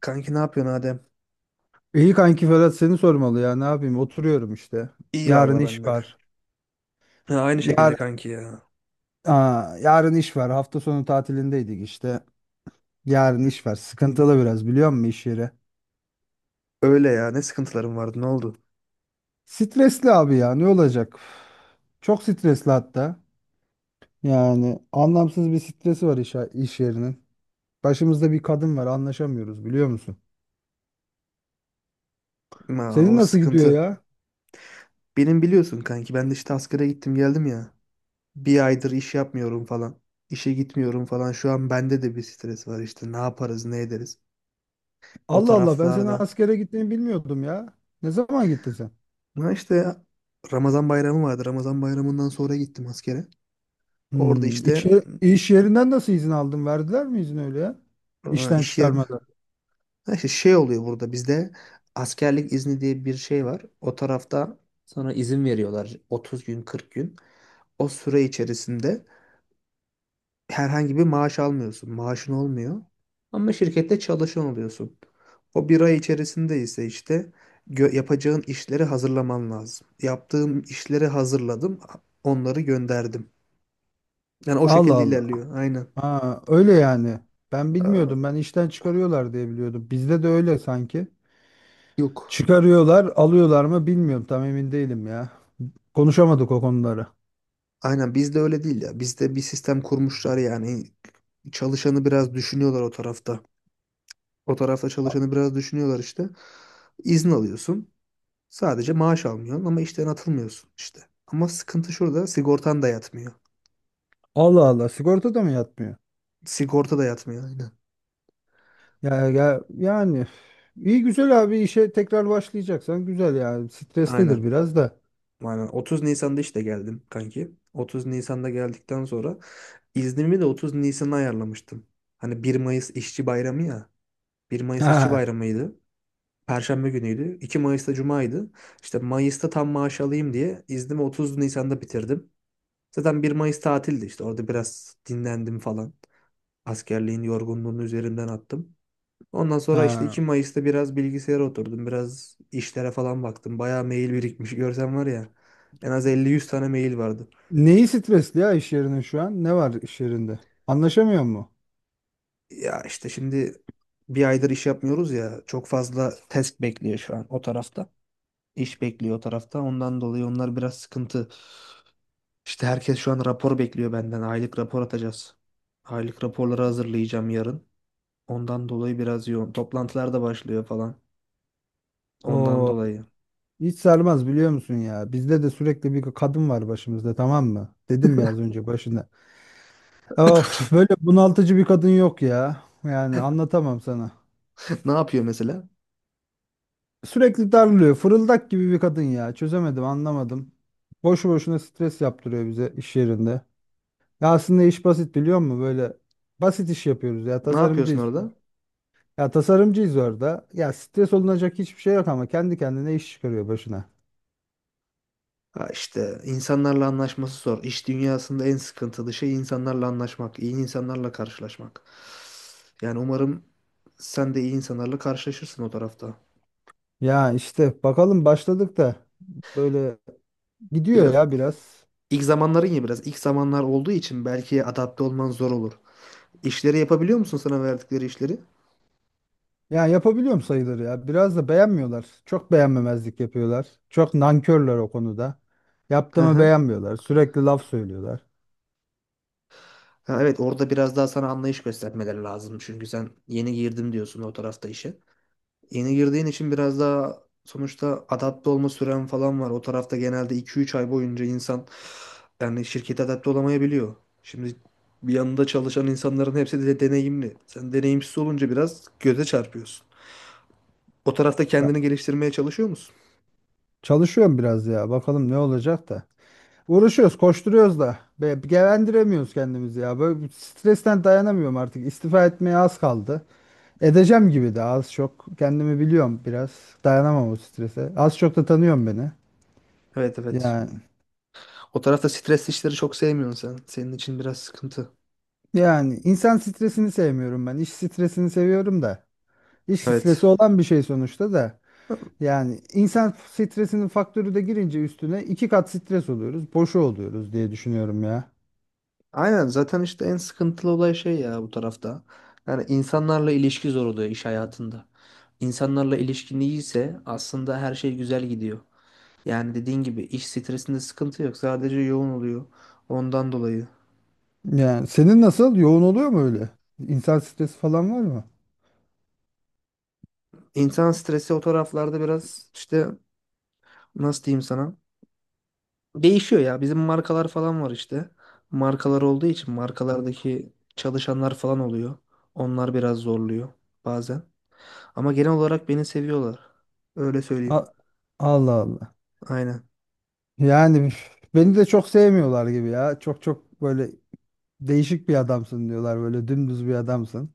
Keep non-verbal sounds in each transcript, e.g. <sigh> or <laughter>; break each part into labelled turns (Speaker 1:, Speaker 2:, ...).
Speaker 1: Kanki ne yapıyorsun Adem?
Speaker 2: İyi kanki Ferhat, seni sormalı ya, ne yapayım oturuyorum işte.
Speaker 1: İyi
Speaker 2: Yarın
Speaker 1: valla ben
Speaker 2: iş
Speaker 1: de kanki.
Speaker 2: var.
Speaker 1: Ha, aynı şekilde
Speaker 2: Yar,
Speaker 1: kanki ya.
Speaker 2: Yarın iş var. Hafta sonu tatilindeydik işte. Yarın
Speaker 1: Hı.
Speaker 2: iş var. Sıkıntılı biraz, biliyor musun iş yeri?
Speaker 1: Öyle ya ne sıkıntılarım vardı ne oldu?
Speaker 2: Stresli abi ya, ne olacak? Çok stresli hatta. Yani anlamsız bir stresi var iş yerinin. Başımızda bir kadın var, anlaşamıyoruz biliyor musun?
Speaker 1: Ma,
Speaker 2: Senin
Speaker 1: o
Speaker 2: nasıl gidiyor
Speaker 1: sıkıntı.
Speaker 2: ya?
Speaker 1: Benim biliyorsun kanki ben de işte askere gittim geldim ya. Bir aydır iş yapmıyorum falan. İşe gitmiyorum falan. Şu an bende de bir stres var işte ne yaparız ne ederiz. O
Speaker 2: Allah Allah, ben senin
Speaker 1: taraflarda.
Speaker 2: askere gittiğini bilmiyordum ya. Ne zaman gittin sen?
Speaker 1: Ha işte Ramazan bayramı vardı. Ramazan bayramından sonra gittim askere. Orada işte
Speaker 2: İş yerinden nasıl izin aldın? Verdiler mi izin öyle ya? İşten
Speaker 1: iş yerinde.
Speaker 2: çıkarmadan.
Speaker 1: Ha işte şey oluyor burada bizde askerlik izni diye bir şey var. O tarafta sana izin veriyorlar 30 gün 40 gün. O süre içerisinde herhangi bir maaş almıyorsun. Maaşın olmuyor. Ama şirkette çalışan oluyorsun. O bir ay içerisinde ise işte yapacağın işleri hazırlaman lazım. Yaptığım işleri hazırladım. Onları gönderdim. Yani o
Speaker 2: Allah
Speaker 1: şekilde
Speaker 2: Allah.
Speaker 1: ilerliyor. Aynen.
Speaker 2: Ha, öyle yani. Ben
Speaker 1: Aa,
Speaker 2: bilmiyordum. Ben işten çıkarıyorlar diye biliyordum. Bizde de öyle sanki.
Speaker 1: yok.
Speaker 2: Çıkarıyorlar, alıyorlar mı bilmiyorum. Tam emin değilim ya. Konuşamadık o konuları.
Speaker 1: Aynen bizde öyle değil ya. Bizde bir sistem kurmuşlar yani. Çalışanı biraz düşünüyorlar o tarafta. O tarafta
Speaker 2: A-
Speaker 1: çalışanı biraz düşünüyorlar işte. İzin alıyorsun. Sadece maaş almıyorsun ama işten atılmıyorsun işte. Ama sıkıntı şurada sigortan da yatmıyor.
Speaker 2: Allah Allah. Sigorta da mı yatmıyor?
Speaker 1: Sigorta da yatmıyor aynen.
Speaker 2: Ya, ya yani iyi güzel abi, işe tekrar başlayacaksan güzel yani. Streslidir
Speaker 1: Aynen.
Speaker 2: biraz da.
Speaker 1: Aynen. 30 Nisan'da işte geldim kanki. 30 Nisan'da geldikten sonra iznimi de 30 Nisan'a ayarlamıştım. Hani bir Mayıs İşçi Bayramı ya. Bir Mayıs İşçi
Speaker 2: Ha,
Speaker 1: Bayramı'ydı. Perşembe günüydü. 2 Mayıs'ta Cuma'ydı. İşte Mayıs'ta tam maaş alayım diye iznimi 30 Nisan'da bitirdim. Zaten bir Mayıs tatildi işte. Orada biraz dinlendim falan. Askerliğin yorgunluğunu üzerimden attım. Ondan sonra işte 2
Speaker 2: ha.
Speaker 1: Mayıs'ta biraz bilgisayara oturdum. Biraz işlere falan baktım. Bayağı mail birikmiş. Görsen var ya en az 50-100 tane mail vardı.
Speaker 2: Neyi stresli ya iş yerinin şu an? Ne var iş yerinde? Anlaşamıyor mu?
Speaker 1: Ya işte şimdi bir aydır iş yapmıyoruz ya. Çok fazla test bekliyor şu an o tarafta. İş bekliyor o tarafta. Ondan dolayı onlar biraz sıkıntı. İşte herkes şu an rapor bekliyor benden. Aylık rapor atacağız. Aylık raporları hazırlayacağım yarın. Ondan dolayı biraz yoğun. Toplantılar da başlıyor falan. Ondan
Speaker 2: O
Speaker 1: dolayı.
Speaker 2: hiç sarmaz biliyor musun ya? Bizde de sürekli bir kadın var başımızda, tamam mı? Dedim ya az önce başında. Of, böyle bunaltıcı bir kadın yok ya. Yani anlatamam sana.
Speaker 1: <laughs> Ne yapıyor mesela?
Speaker 2: Sürekli darlıyor. Fırıldak gibi bir kadın ya. Çözemedim, anlamadım. Boşu boşuna stres yaptırıyor bize iş yerinde. Ya aslında iş basit biliyor musun? Böyle basit iş yapıyoruz ya.
Speaker 1: Ne yapıyorsun
Speaker 2: Tasarımcıyız.
Speaker 1: orada?
Speaker 2: Ya tasarımcıyız orada. Ya stres olunacak hiçbir şey yok, ama kendi kendine iş çıkarıyor başına.
Speaker 1: Ha işte insanlarla anlaşması zor. İş dünyasında en sıkıntılı şey insanlarla anlaşmak, iyi insanlarla karşılaşmak. Yani umarım sen de iyi insanlarla karşılaşırsın o tarafta.
Speaker 2: Ya işte bakalım, başladık da böyle gidiyor
Speaker 1: Biraz
Speaker 2: ya biraz.
Speaker 1: ilk zamanların ya biraz ilk zamanlar olduğu için belki adapte olman zor olur. İşleri yapabiliyor musun sana verdikleri işleri?
Speaker 2: Ya yapabiliyorum sayıları ya. Biraz da beğenmiyorlar. Çok beğenmemezlik yapıyorlar. Çok nankörler o konuda.
Speaker 1: Hı
Speaker 2: Yaptığımı
Speaker 1: hı.
Speaker 2: beğenmiyorlar. Sürekli laf söylüyorlar.
Speaker 1: Ha, evet orada biraz daha sana anlayış göstermeleri lazım. Çünkü sen yeni girdim diyorsun o tarafta işe. Yeni girdiğin için biraz daha sonuçta adapte olma süren falan var. O tarafta genelde iki üç ay boyunca insan yani şirkete adapte olamayabiliyor. Şimdi bir yanında çalışan insanların hepsi de deneyimli. Sen deneyimsiz olunca biraz göze çarpıyorsun. O tarafta
Speaker 2: Ya
Speaker 1: kendini geliştirmeye çalışıyor musun?
Speaker 2: çalışıyorum biraz ya. Bakalım ne olacak da. Uğraşıyoruz, koşturuyoruz da. Be gevendiremiyoruz kendimizi ya. Böyle bir stresten dayanamıyorum artık. İstifa etmeye az kaldı. Edeceğim gibi de az çok. Kendimi biliyorum biraz. Dayanamam o strese. Az çok da tanıyorum beni.
Speaker 1: Evet, evet.
Speaker 2: Yani,
Speaker 1: O tarafta stres işleri çok sevmiyorsun sen. Senin için biraz sıkıntı.
Speaker 2: yani insan stresini sevmiyorum ben. İş stresini seviyorum da. İş stresi
Speaker 1: Evet.
Speaker 2: olan bir şey sonuçta da. Yani insan stresinin faktörü de girince üstüne iki kat stres oluyoruz. Boşu oluyoruz diye düşünüyorum ya.
Speaker 1: Aynen zaten işte en sıkıntılı olay şey ya bu tarafta. Yani insanlarla ilişki zor oluyor iş hayatında. İnsanlarla ilişkin iyiyse aslında her şey güzel gidiyor. Yani dediğin gibi iş stresinde sıkıntı yok. Sadece yoğun oluyor. Ondan dolayı.
Speaker 2: Yani senin nasıl? Yoğun oluyor mu öyle? İnsan stresi falan var mı?
Speaker 1: İnsan stresi o taraflarda biraz işte nasıl diyeyim sana? Değişiyor ya. Bizim markalar falan var işte. Markalar olduğu için markalardaki çalışanlar falan oluyor. Onlar biraz zorluyor bazen. Ama genel olarak beni seviyorlar. Öyle söyleyeyim.
Speaker 2: A- Allah Allah.
Speaker 1: Aynen.
Speaker 2: Yani beni de çok sevmiyorlar gibi ya. Çok böyle değişik bir adamsın diyorlar, böyle dümdüz bir adamsın.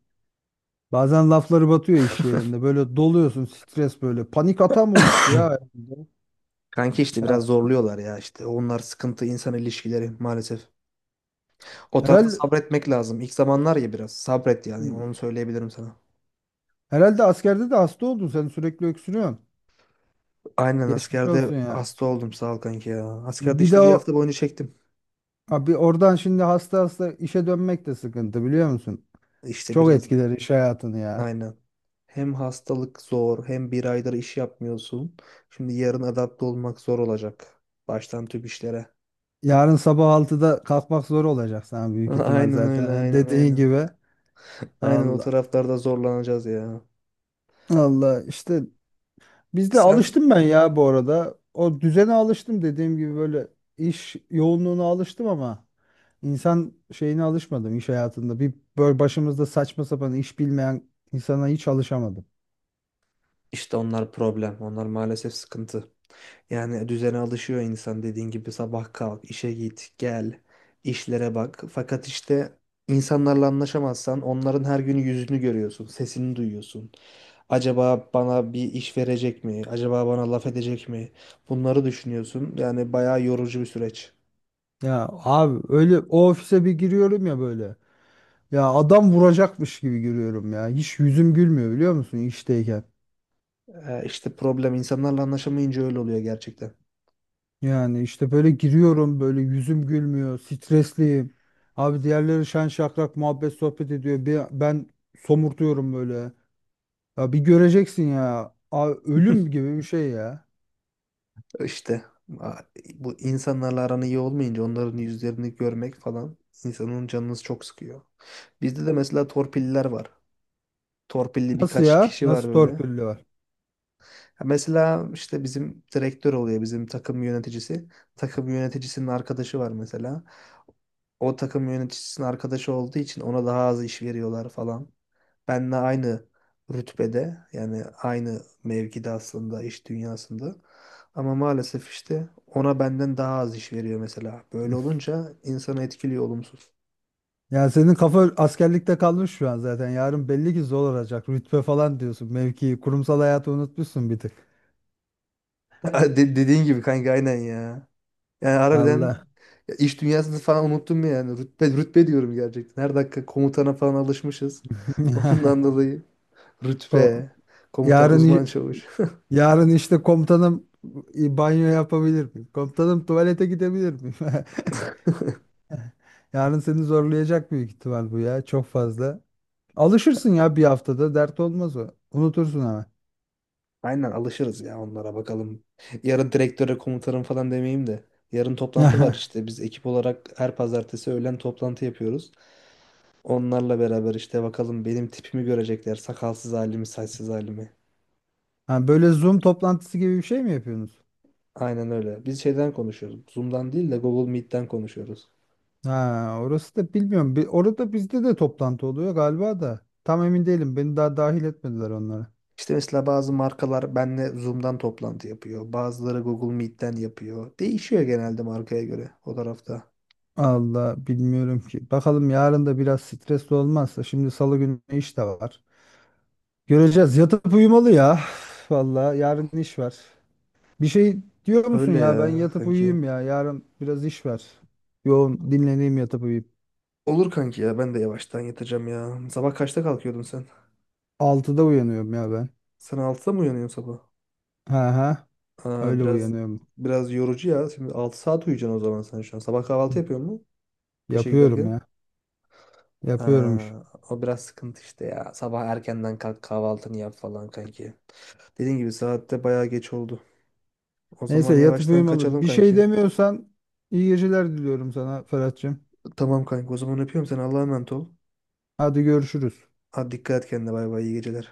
Speaker 2: Bazen lafları batıyor iş yerinde. Böyle doluyorsun stres böyle. Panik atam oluştu ya, herhalde.
Speaker 1: Kanki işte biraz
Speaker 2: Ya,
Speaker 1: zorluyorlar ya işte. Onlar sıkıntı insan ilişkileri maalesef. O tarafta
Speaker 2: herhalde,
Speaker 1: sabretmek lazım. İlk zamanlar ya biraz sabret yani onu söyleyebilirim sana.
Speaker 2: herhalde askerde de hasta oldun, sen sürekli öksürüyorsun.
Speaker 1: Aynen
Speaker 2: Geçmiş olsun
Speaker 1: askerde
Speaker 2: ya.
Speaker 1: hasta oldum sağ ol kanki ya. Askerde
Speaker 2: Bir de
Speaker 1: işte bir hafta
Speaker 2: o
Speaker 1: boyunca çektim.
Speaker 2: abi, oradan şimdi hasta hasta işe dönmek de sıkıntı biliyor musun?
Speaker 1: İşte
Speaker 2: Çok etkiler iş hayatını ya.
Speaker 1: aynen. Hem hastalık zor hem bir aydır iş yapmıyorsun. Şimdi yarın adapte olmak zor olacak. Baştan tüp işlere.
Speaker 2: Yarın sabah altıda kalkmak zor olacak sana büyük
Speaker 1: <laughs>
Speaker 2: ihtimal
Speaker 1: Aynen öyle,
Speaker 2: zaten.
Speaker 1: aynen
Speaker 2: Dediğin
Speaker 1: aynen.
Speaker 2: gibi.
Speaker 1: Aynen o
Speaker 2: Allah
Speaker 1: taraflarda zorlanacağız ya.
Speaker 2: Allah işte, bizde
Speaker 1: Sen.
Speaker 2: alıştım ben ya bu arada. O düzene alıştım dediğim gibi, böyle iş yoğunluğuna alıştım ama insan şeyine alışmadım iş hayatında. Bir böyle başımızda saçma sapan iş bilmeyen insana hiç alışamadım.
Speaker 1: İşte onlar problem. Onlar maalesef sıkıntı. Yani düzene alışıyor insan dediğin gibi sabah kalk, işe git, gel, işlere bak. Fakat işte insanlarla anlaşamazsan onların her gün yüzünü görüyorsun, sesini duyuyorsun. Acaba bana bir iş verecek mi? Acaba bana laf edecek mi? Bunları düşünüyorsun. Yani bayağı yorucu bir süreç.
Speaker 2: Ya abi, öyle o ofise bir giriyorum ya böyle. Ya adam vuracakmış gibi giriyorum ya. Hiç yüzüm gülmüyor biliyor musun işteyken.
Speaker 1: İşte problem insanlarla anlaşamayınca öyle oluyor gerçekten.
Speaker 2: Yani işte böyle giriyorum, böyle yüzüm gülmüyor. Stresliyim. Abi diğerleri şen şakrak muhabbet sohbet ediyor. Ben somurtuyorum böyle. Ya bir göreceksin ya. Abi
Speaker 1: <laughs>
Speaker 2: ölüm gibi bir şey ya.
Speaker 1: İşte a- bu insanlarla aran iyi olmayınca onların yüzlerini görmek falan insanın canını çok sıkıyor. Bizde de mesela torpilliler var. Torpilli
Speaker 2: Nasıl
Speaker 1: birkaç
Speaker 2: ya?
Speaker 1: kişi var
Speaker 2: Nasıl
Speaker 1: böyle.
Speaker 2: torpilli var?
Speaker 1: Mesela işte bizim direktör oluyor bizim takım yöneticisi. Takım yöneticisinin arkadaşı var mesela. O takım yöneticisinin arkadaşı olduğu için ona daha az iş veriyorlar falan. Benle aynı rütbede yani aynı mevkide aslında iş dünyasında. Ama maalesef işte ona benden daha az iş veriyor mesela. Böyle
Speaker 2: <laughs>
Speaker 1: olunca insanı etkiliyor olumsuz.
Speaker 2: Yani senin kafa askerlikte kalmış şu an zaten. Yarın belli ki zor olacak. Rütbe falan diyorsun. Mevki, kurumsal hayatı unutmuşsun bir tık.
Speaker 1: <laughs> Dediğin gibi kanka aynen ya. Yani harbiden
Speaker 2: Allah.
Speaker 1: ya iş dünyasını falan unuttum yani. Rütbe, rütbe diyorum gerçekten. Her dakika komutana falan alışmışız. <laughs> Ondan
Speaker 2: <laughs>
Speaker 1: dolayı
Speaker 2: Ko-
Speaker 1: rütbe, komutan,
Speaker 2: Yarın i-
Speaker 1: uzman çavuş.
Speaker 2: Yarın işte komutanım, banyo yapabilir miyim? Komutanım tuvalete gidebilir miyim? <laughs> Yarın seni zorlayacak büyük ihtimal bu ya. Çok fazla. Alışırsın ya bir haftada. Dert olmaz o. Unutursun ama.
Speaker 1: Aynen alışırız ya onlara bakalım. Yarın direktöre komutanım falan demeyeyim de. Yarın toplantı var
Speaker 2: <laughs>
Speaker 1: işte. Biz ekip olarak her pazartesi öğlen toplantı yapıyoruz. Onlarla beraber işte bakalım benim tipimi görecekler. Sakalsız halimi, saçsız halimi.
Speaker 2: Ha, böyle Zoom toplantısı gibi bir şey mi yapıyorsunuz?
Speaker 1: Aynen öyle. Biz şeyden konuşuyoruz. Zoom'dan değil de Google Meet'ten konuşuyoruz.
Speaker 2: Ha, orası da bilmiyorum. Bir, orada bizde de toplantı oluyor galiba da. Tam emin değilim. Beni daha dahil etmediler onlara.
Speaker 1: İşte mesela bazı markalar benle Zoom'dan toplantı yapıyor. Bazıları Google Meet'ten yapıyor. Değişiyor genelde markaya göre o tarafta.
Speaker 2: Allah bilmiyorum ki. Bakalım yarın da biraz stresli olmazsa. Şimdi salı günü iş de var. Göreceğiz. Yatıp uyumalı ya. <sighs> Vallahi yarın iş var. Bir şey diyor musun
Speaker 1: Öyle
Speaker 2: ya? Ben
Speaker 1: ya
Speaker 2: yatıp
Speaker 1: kanki.
Speaker 2: uyuyayım ya. Yarın biraz iş var. Yoğun dinleneyim, yatıp uyuyayım.
Speaker 1: Olur kanki ya ben de yavaştan yatacağım ya. Sabah kaçta kalkıyordun sen?
Speaker 2: 6'da uyanıyorum ya ben.
Speaker 1: Sen altıda mı uyanıyorsun sabah?
Speaker 2: Ha ha.
Speaker 1: Aa,
Speaker 2: Öyle
Speaker 1: biraz
Speaker 2: uyanıyorum.
Speaker 1: biraz yorucu ya. Şimdi 6 saat uyuyacaksın o zaman sen şu an. Sabah
Speaker 2: Hı,
Speaker 1: kahvaltı yapıyor musun işe
Speaker 2: yapıyorum
Speaker 1: giderken?
Speaker 2: ya. Yapıyormuş.
Speaker 1: Aa, o biraz sıkıntı işte ya. Sabah erkenden kalk kahvaltını yap falan kanki. Dediğin gibi saatte bayağı geç oldu. O
Speaker 2: Neyse
Speaker 1: zaman
Speaker 2: yatıp
Speaker 1: yavaştan
Speaker 2: uyumalı.
Speaker 1: kaçalım
Speaker 2: Bir şey
Speaker 1: kanki.
Speaker 2: demiyorsan iyi geceler diliyorum sana Ferhat'cığım.
Speaker 1: Tamam kanka o zaman öpüyorum seni Allah'a emanet ol.
Speaker 2: Hadi görüşürüz.
Speaker 1: Hadi dikkat et kendine bay bay iyi geceler.